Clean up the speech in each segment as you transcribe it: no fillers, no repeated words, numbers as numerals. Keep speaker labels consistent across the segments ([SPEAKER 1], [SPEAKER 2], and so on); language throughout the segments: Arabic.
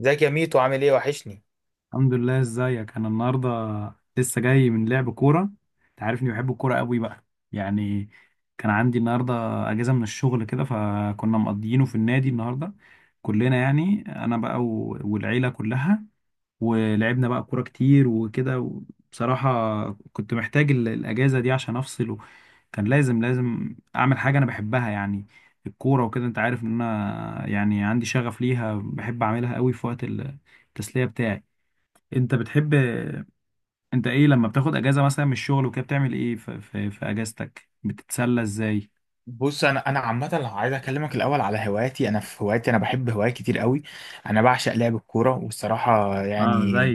[SPEAKER 1] ازيك يا ميتو عامل ايه؟ وحشني.
[SPEAKER 2] الحمد لله، ازيك انا النهارده؟ لسه جاي من لعب كوره. انت عارفني بحب الكوره قوي بقى، يعني كان عندي النهارده اجازه من الشغل، كده فكنا مقضيينه في النادي النهارده كلنا، يعني انا بقى والعيله كلها. ولعبنا بقى كوره كتير وكده. بصراحه كنت محتاج الاجازه دي عشان افصل. كان لازم اعمل حاجه انا بحبها، يعني الكوره وكده. انت عارف ان انا يعني عندي شغف ليها، بحب اعملها قوي في وقت التسليه بتاعي. انت بتحب، انت ايه لما بتاخد اجازة مثلا من الشغل وكده بتعمل ايه في اجازتك؟ بتتسلى ازاي؟
[SPEAKER 1] بص انا عامه عايز اكلمك الاول على هواياتي. انا في هواياتي انا بحب هوايات كتير قوي. انا بعشق لعب الكوره والصراحه
[SPEAKER 2] اه
[SPEAKER 1] يعني.
[SPEAKER 2] زي.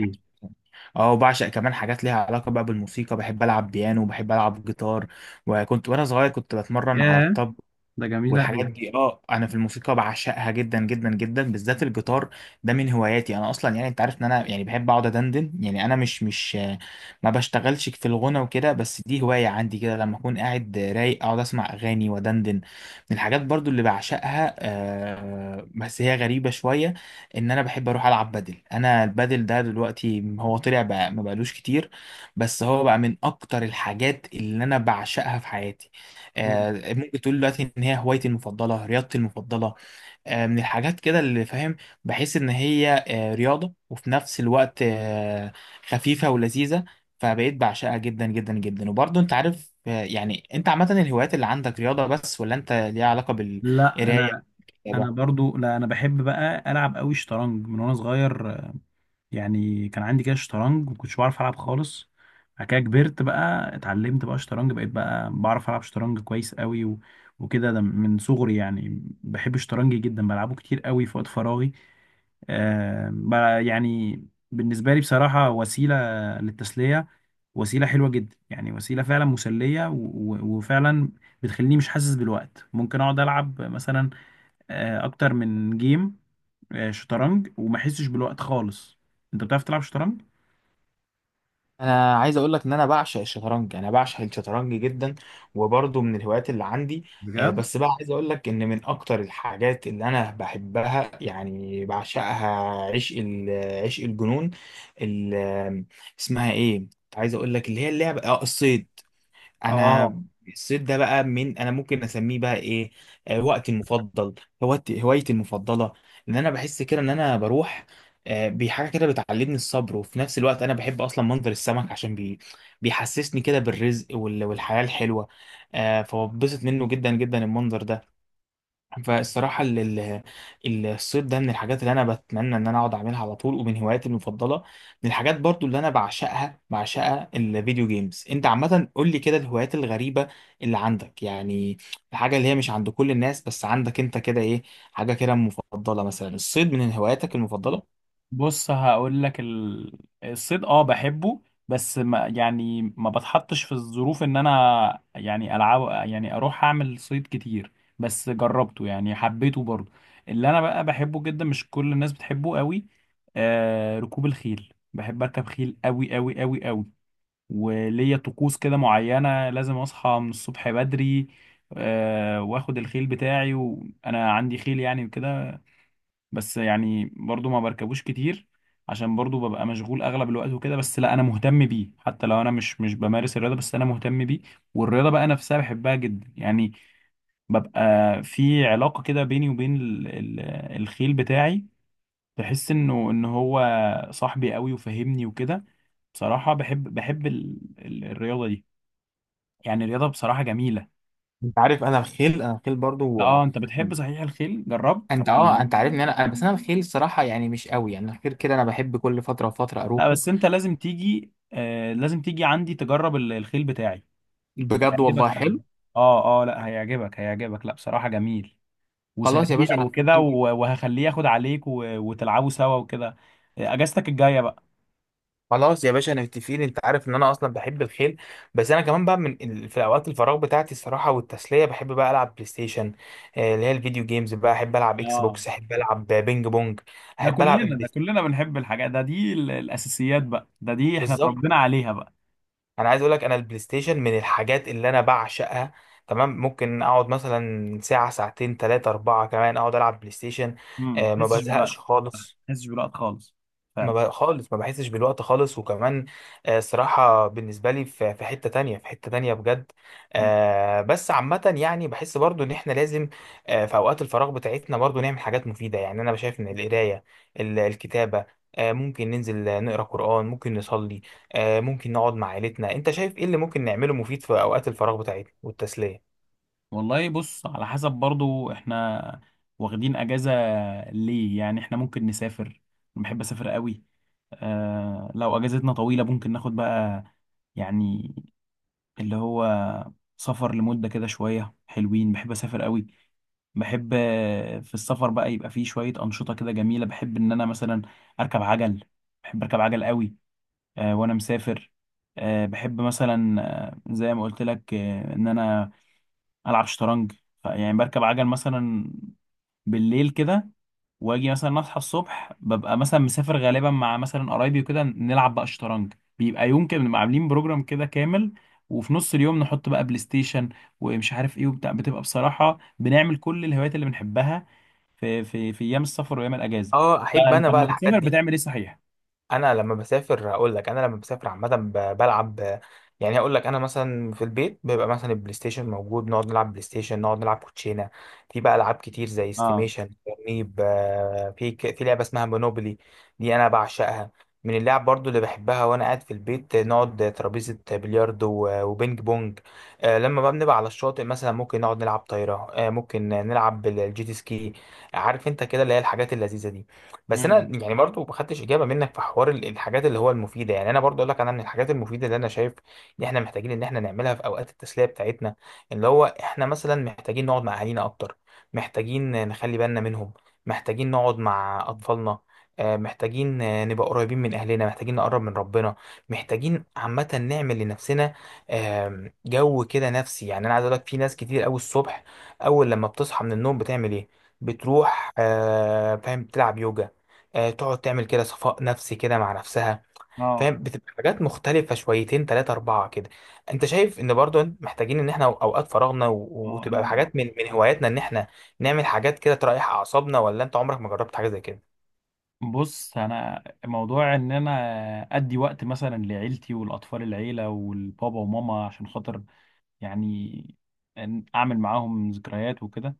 [SPEAKER 1] اه وبعشق كمان حاجات ليها علاقه بقى بالموسيقى، بحب العب بيانو، بحب العب جيتار. وكنت وانا صغير كنت بتمرن على
[SPEAKER 2] ياه،
[SPEAKER 1] الطبل.
[SPEAKER 2] ده جميلة.
[SPEAKER 1] والحاجات دي اه انا في الموسيقى بعشقها جدا جدا جدا، بالذات الجيتار. ده من هواياتي انا اصلا. يعني انت عارف ان انا يعني بحب اقعد ادندن. يعني انا مش ما بشتغلش في الغنى وكده، بس دي هواية عندي كده. لما اكون قاعد رايق اقعد اسمع اغاني ودندن. من الحاجات برضو اللي بعشقها بس هي غريبة شوية، ان انا بحب اروح العب بدل. انا البدل ده دلوقتي هو طلع بقى ما بقالوش كتير، بس هو بقى من اكتر الحاجات اللي انا بعشقها في حياتي.
[SPEAKER 2] أوي.
[SPEAKER 1] ممكن تقول دلوقتي ان هي هوايتي المفضله، رياضتي المفضله. من الحاجات كده اللي فاهم. بحس ان هي رياضه، وفي نفس الوقت خفيفه ولذيذه. فبقيت بعشقها جدا جدا جدا. وبرضه انت عارف يعني انت عامه الهوايات اللي عندك رياضه بس، ولا انت ليها علاقه
[SPEAKER 2] لا
[SPEAKER 1] بالقرايه
[SPEAKER 2] انا،
[SPEAKER 1] والكتابة؟
[SPEAKER 2] برضو، لا انا بحب بقى العب قوي شطرنج من وانا صغير. يعني كان عندي كده شطرنج، ما كنتش بعرف العب خالص. بعد كده كبرت بقى، اتعلمت بقى شطرنج، بقيت بقى بعرف العب شطرنج كويس قوي وكده. ده من صغري، يعني بحب الشطرنج جدا، بلعبه كتير قوي في وقت فراغي. آه بقى، يعني بالنسبة لي بصراحة وسيلة للتسلية، وسيلة حلوة جدا، يعني وسيلة فعلا مسلية وفعلا بتخليني مش حاسس بالوقت. ممكن اقعد العب مثلا اكتر من جيم شطرنج وما احسش بالوقت خالص. انت بتعرف تلعب شطرنج؟
[SPEAKER 1] انا عايز اقول لك ان انا بعشق الشطرنج، يعني انا بعشق الشطرنج جدا، وبرضه من الهوايات اللي عندي.
[SPEAKER 2] بجد.
[SPEAKER 1] بس بقى عايز اقول لك ان من اكتر الحاجات اللي انا بحبها يعني بعشقها، عشق عشق الجنون. ال- اسمها ايه؟ عايز اقول لك اللي هي اللعبه اه الصيد. انا
[SPEAKER 2] اه،
[SPEAKER 1] الصيف ده بقى من انا ممكن اسميه بقى ايه، وقتي المفضل، هوايتي المفضله. ان انا بحس كده ان انا بروح بحاجه كده بتعلمني الصبر، وفي نفس الوقت انا بحب اصلا منظر السمك، عشان بيحسسني كده بالرزق والحياه الحلوه. فببسط منه جدا جدا المنظر ده. فالصراحة الصيد ده من الحاجات اللي أنا بتمنى إن أنا أقعد أعملها على طول، ومن هواياتي المفضلة. من الحاجات برضو اللي أنا بعشقها الفيديو جيمز. أنت عامة قول لي كده الهوايات الغريبة اللي عندك، يعني الحاجة اللي هي مش عند كل الناس بس عندك أنت كده إيه؟ حاجة كده مفضلة، مثلا الصيد من هواياتك المفضلة؟
[SPEAKER 2] بص هقول لك الصيد اه بحبه، بس ما يعني ما بتحطش في الظروف ان انا يعني العب، يعني اروح اعمل صيد كتير. بس جربته، يعني حبيته برضه. اللي انا بقى بحبه جدا مش كل الناس بتحبه قوي، آه ركوب الخيل. بحب اركب خيل قوي قوي قوي قوي. وليا طقوس كده معينة، لازم أصحى من الصبح بدري، وآخد الخيل بتاعي، وأنا عندي خيل يعني وكده. بس يعني برضو ما بركبوش كتير، عشان برضو ببقى مشغول أغلب الوقت وكده. بس لا أنا مهتم بيه، حتى لو أنا مش بمارس الرياضة، بس أنا مهتم بيه. والرياضة بقى نفسها بحبها جدا يعني، ببقى في علاقة كده بيني وبين الخيل بتاعي. بحس إنه إن هو صاحبي قوي وفاهمني وكده. بصراحة بحب الرياضة دي. يعني الرياضة بصراحة جميلة.
[SPEAKER 1] أنت عارف أنا الخيل، أنا الخيل برضو.
[SPEAKER 2] اه، انت بتحب صحيح الخيل؟ جربت؟
[SPEAKER 1] أنت أه أنت عارف إن بس أنا الخيل الصراحة يعني مش قوي، يعني الخيل كده أنا بحب كل فترة وفترة
[SPEAKER 2] لا
[SPEAKER 1] أروحه.
[SPEAKER 2] بس انت لازم تيجي، آه لازم تيجي عندي تجرب الخيل بتاعي.
[SPEAKER 1] بجد والله
[SPEAKER 2] هيعجبك قوي.
[SPEAKER 1] حلو.
[SPEAKER 2] اه اه، لا هيعجبك، هيعجبك، لا بصراحة جميل
[SPEAKER 1] خلاص يا
[SPEAKER 2] وسريع
[SPEAKER 1] باشا أنا.
[SPEAKER 2] وكده، وهخليه ياخد عليك وتلعبوا سوا وكده، اجازتك الجاية بقى.
[SPEAKER 1] خلاص يا باشا متفقين. انت عارف ان انا اصلا بحب الخيل، بس انا كمان بقى من في اوقات الفراغ بتاعتي الصراحه والتسليه بحب بقى العب بلاي ستيشن. اللي هي الفيديو جيمز بقى، احب العب اكس
[SPEAKER 2] اه.
[SPEAKER 1] بوكس، احب العب بينج بونج، احب العب
[SPEAKER 2] ده
[SPEAKER 1] البلاي-
[SPEAKER 2] كلنا بنحب الحاجات دي، الاساسيات بقى دي احنا
[SPEAKER 1] بالظبط.
[SPEAKER 2] اتربينا عليها بقى.
[SPEAKER 1] انا عايز اقول لك انا البلاي ستيشن من الحاجات اللي انا بعشقها. تمام، ممكن اقعد مثلا ساعه ساعتين ثلاثه اربعه كمان اقعد العب بلاي ستيشن.
[SPEAKER 2] امم، ما
[SPEAKER 1] ما
[SPEAKER 2] تحسش بالوقت، ما
[SPEAKER 1] بزهقش خالص.
[SPEAKER 2] تحسش بالوقت خالص.
[SPEAKER 1] ما بقى خالص، ما بحسش بالوقت خالص، وكمان الصراحة بالنسبة لي في في حتة تانية، في حتة تانية بجد.
[SPEAKER 2] فعلا.
[SPEAKER 1] بس عامة يعني بحس برضو ان احنا لازم في اوقات الفراغ بتاعتنا برضو نعمل حاجات مفيدة. يعني انا شايف ان القراية، الكتابة، ممكن ننزل نقرا قرآن، ممكن نصلي، ممكن نقعد مع عيلتنا. انت شايف ايه اللي ممكن نعمله مفيد في اوقات الفراغ بتاعتنا والتسلية؟
[SPEAKER 2] والله بص، على حسب برضو احنا واخدين اجازة ليه. يعني احنا ممكن نسافر، انا بحب اسافر قوي. آه لو اجازتنا طويلة ممكن ناخد بقى، يعني اللي هو سفر لمدة كده شوية حلوين. بحب اسافر قوي. بحب في السفر بقى يبقى فيه شوية انشطة كده جميلة. بحب ان انا مثلا اركب عجل، بحب اركب عجل قوي وانا مسافر. آه بحب مثلا، زي ما قلت لك، ان انا العب شطرنج. يعني بركب عجل مثلا بالليل كده، واجي مثلا اصحى الصبح ببقى مثلا مسافر غالبا مع مثلا قرايبي وكده، نلعب بقى شطرنج. بيبقى يوم كده بنبقى عاملين بروجرام كده كامل، وفي نص اليوم نحط بقى بلاي ستيشن ومش عارف ايه وبتاع. بتبقى بصراحة بنعمل كل الهوايات اللي بنحبها في ايام السفر وايام الاجازة.
[SPEAKER 1] اه احب
[SPEAKER 2] فانت
[SPEAKER 1] انا بقى
[SPEAKER 2] لما
[SPEAKER 1] الحاجات
[SPEAKER 2] بتسافر
[SPEAKER 1] دي.
[SPEAKER 2] بتعمل ايه صحيح؟
[SPEAKER 1] انا لما بسافر اقول لك، انا لما بسافر عامه بلعب. يعني اقول لك انا مثلا في البيت بيبقى مثلا البلاي ستيشن موجود، نقعد نلعب بلاي ستيشن، نقعد نلعب كوتشينه. في بقى العاب كتير زي
[SPEAKER 2] اه.
[SPEAKER 1] استيميشن ترنيب، في في لعبه اسمها مونوبولي، دي انا بعشقها، من اللعب برضو اللي بحبها وانا قاعد في البيت. نقعد ترابيزه بلياردو وبينج بونج. لما بقى بنبقى على الشاطئ مثلا ممكن نقعد نلعب طايره، ممكن نلعب الجيت سكي. عارف انت كده اللي هي الحاجات اللذيذه دي. بس انا
[SPEAKER 2] امم.
[SPEAKER 1] يعني برضو ما خدتش اجابه منك في حوار الحاجات اللي هو المفيده. يعني انا برضو اقول لك انا من الحاجات المفيده اللي انا شايف ان احنا محتاجين ان احنا نعملها في اوقات التسليه بتاعتنا، اللي هو احنا مثلا محتاجين نقعد مع اهالينا اكتر، محتاجين نخلي بالنا منهم، محتاجين نقعد مع اطفالنا، محتاجين نبقى قريبين من اهلنا، محتاجين نقرب من ربنا، محتاجين عامه نعمل لنفسنا جو كده نفسي. يعني انا عايز اقول لك في ناس كتير قوي الصبح اول لما بتصحى من النوم بتعمل ايه؟ بتروح فاهم تلعب يوجا، تقعد تعمل كده صفاء نفسي كده مع نفسها.
[SPEAKER 2] اه
[SPEAKER 1] فاهم، بتبقى حاجات مختلفة شويتين تلاتة أربعة كده. أنت شايف إن برضو محتاجين إن إحنا أوقات فراغنا
[SPEAKER 2] اه.
[SPEAKER 1] وتبقى
[SPEAKER 2] انا،
[SPEAKER 1] حاجات من هواياتنا، إن إحنا نعمل حاجات كده تريح أعصابنا؟ ولا أنت عمرك ما جربت حاجة زي كده؟
[SPEAKER 2] بص انا، موضوع ان انا ادي وقت مثلا لعيلتي والاطفال، العيله والبابا وماما، عشان خاطر يعني إن اعمل معاهم ذكريات وكده،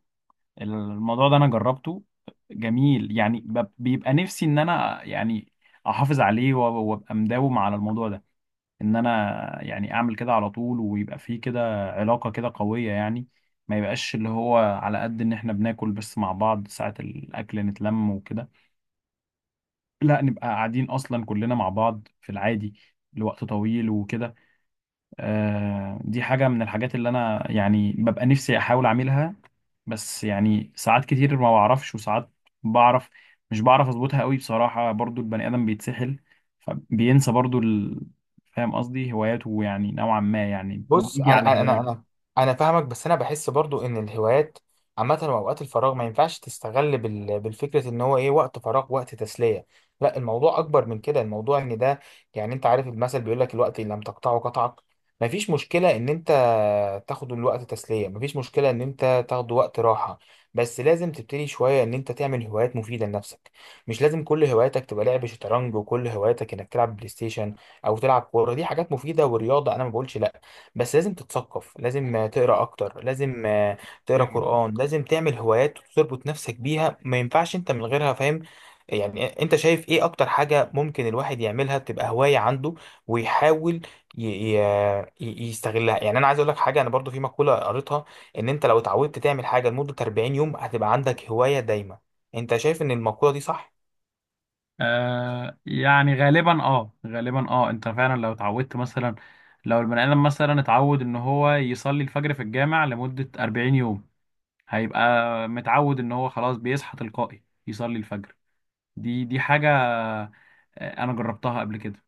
[SPEAKER 2] الموضوع ده انا جربته، جميل. يعني بيبقى نفسي ان انا يعني احافظ عليه وابقى مداوم على الموضوع ده، ان انا يعني اعمل كده على طول، ويبقى فيه كده علاقه كده قويه يعني. ما يبقاش اللي هو على قد ان احنا بناكل بس مع بعض ساعه الاكل نتلم وكده، لا نبقى قاعدين اصلا كلنا مع بعض في العادي لوقت طويل وكده. آه دي حاجة من الحاجات اللي انا يعني ببقى نفسي احاول اعملها، بس يعني ساعات كتير ما بعرفش وساعات بعرف. مش بعرف اظبطها قوي بصراحة، برضو البني ادم بيتسحل فبينسى برضو فاهم قصدي هواياته، يعني نوعا ما يعني
[SPEAKER 1] بص
[SPEAKER 2] بيجي على
[SPEAKER 1] انا انا
[SPEAKER 2] هواياته.
[SPEAKER 1] انا انا فاهمك، بس انا بحس برضو ان الهوايات عامه واوقات الفراغ ما ينفعش تستغل بالفكره ان هو ايه وقت فراغ وقت تسليه. لا، الموضوع اكبر من كده، الموضوع ان ده، يعني انت عارف المثل بيقول لك الوقت اللي لم تقطعه قطعك. ما فيش مشكله ان انت تاخد الوقت تسليه، ما فيش مشكله ان انت تاخد وقت راحه، بس لازم تبتدي شويه ان انت تعمل هوايات مفيده لنفسك. مش لازم كل هواياتك تبقى لعب شطرنج، وكل هواياتك انك تلعب بلاي ستيشن او تلعب كوره. دي حاجات مفيده ورياضه انا ما بقولش لا، بس لازم تتثقف، لازم تقرا اكتر، لازم تقرا قرآن، لازم تعمل هوايات تربط نفسك بيها. ما ينفعش انت من غيرها، فاهم؟ يعني انت شايف ايه اكتر حاجة ممكن الواحد يعملها تبقى هواية عنده ويحاول ي- ي- يستغلها؟ يعني انا عايز اقول لك حاجة، انا برضو في مقولة قريتها ان انت لو اتعودت تعمل حاجة لمدة 40 يوم هتبقى عندك هواية دايمة. انت شايف ان المقولة دي صح؟
[SPEAKER 2] آه يعني غالبا، اه غالبا، اه انت فعلا لو اتعودت مثلا، لو البني ادم مثلا اتعود ان هو يصلي الفجر في الجامع لمدة 40 يوم، هيبقى متعود ان هو خلاص بيصحى تلقائي يصلي الفجر. دي حاجة انا جربتها قبل كده،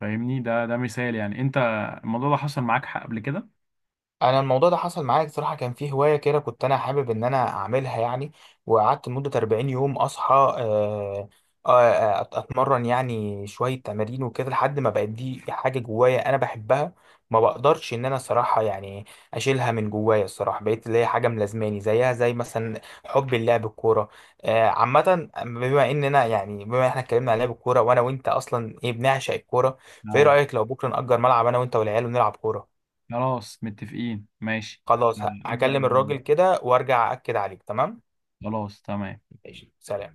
[SPEAKER 2] فاهمني. ده مثال، يعني انت الموضوع ده حصل معاك حق قبل كده؟
[SPEAKER 1] انا الموضوع ده حصل معايا بصراحه. كان في هوايه كده كنت انا حابب ان انا اعملها يعني، وقعدت لمده 40 يوم اصحى، اتمرن يعني شويه تمارين وكده، لحد ما بقت دي حاجه جوايا انا بحبها، ما بقدرش ان انا صراحه يعني اشيلها من جوايا الصراحه. بقيت اللي هي حاجه ملازماني، زيها زي مثلا حب اللعب الكوره. عامه بما اننا يعني بما احنا اتكلمنا عن لعب الكوره، وانا وانت اصلا ايه بنعشق الكوره، فايه
[SPEAKER 2] اه،
[SPEAKER 1] رايك لو بكره نأجر ملعب انا وانت والعيال ونلعب كوره؟
[SPEAKER 2] خلاص متفقين، ماشي.
[SPEAKER 1] خلاص
[SPEAKER 2] هنأجر.
[SPEAKER 1] هكلم الراجل كده وارجع اكد عليك، تمام؟
[SPEAKER 2] خلاص تمام.
[SPEAKER 1] ماشي، سلام.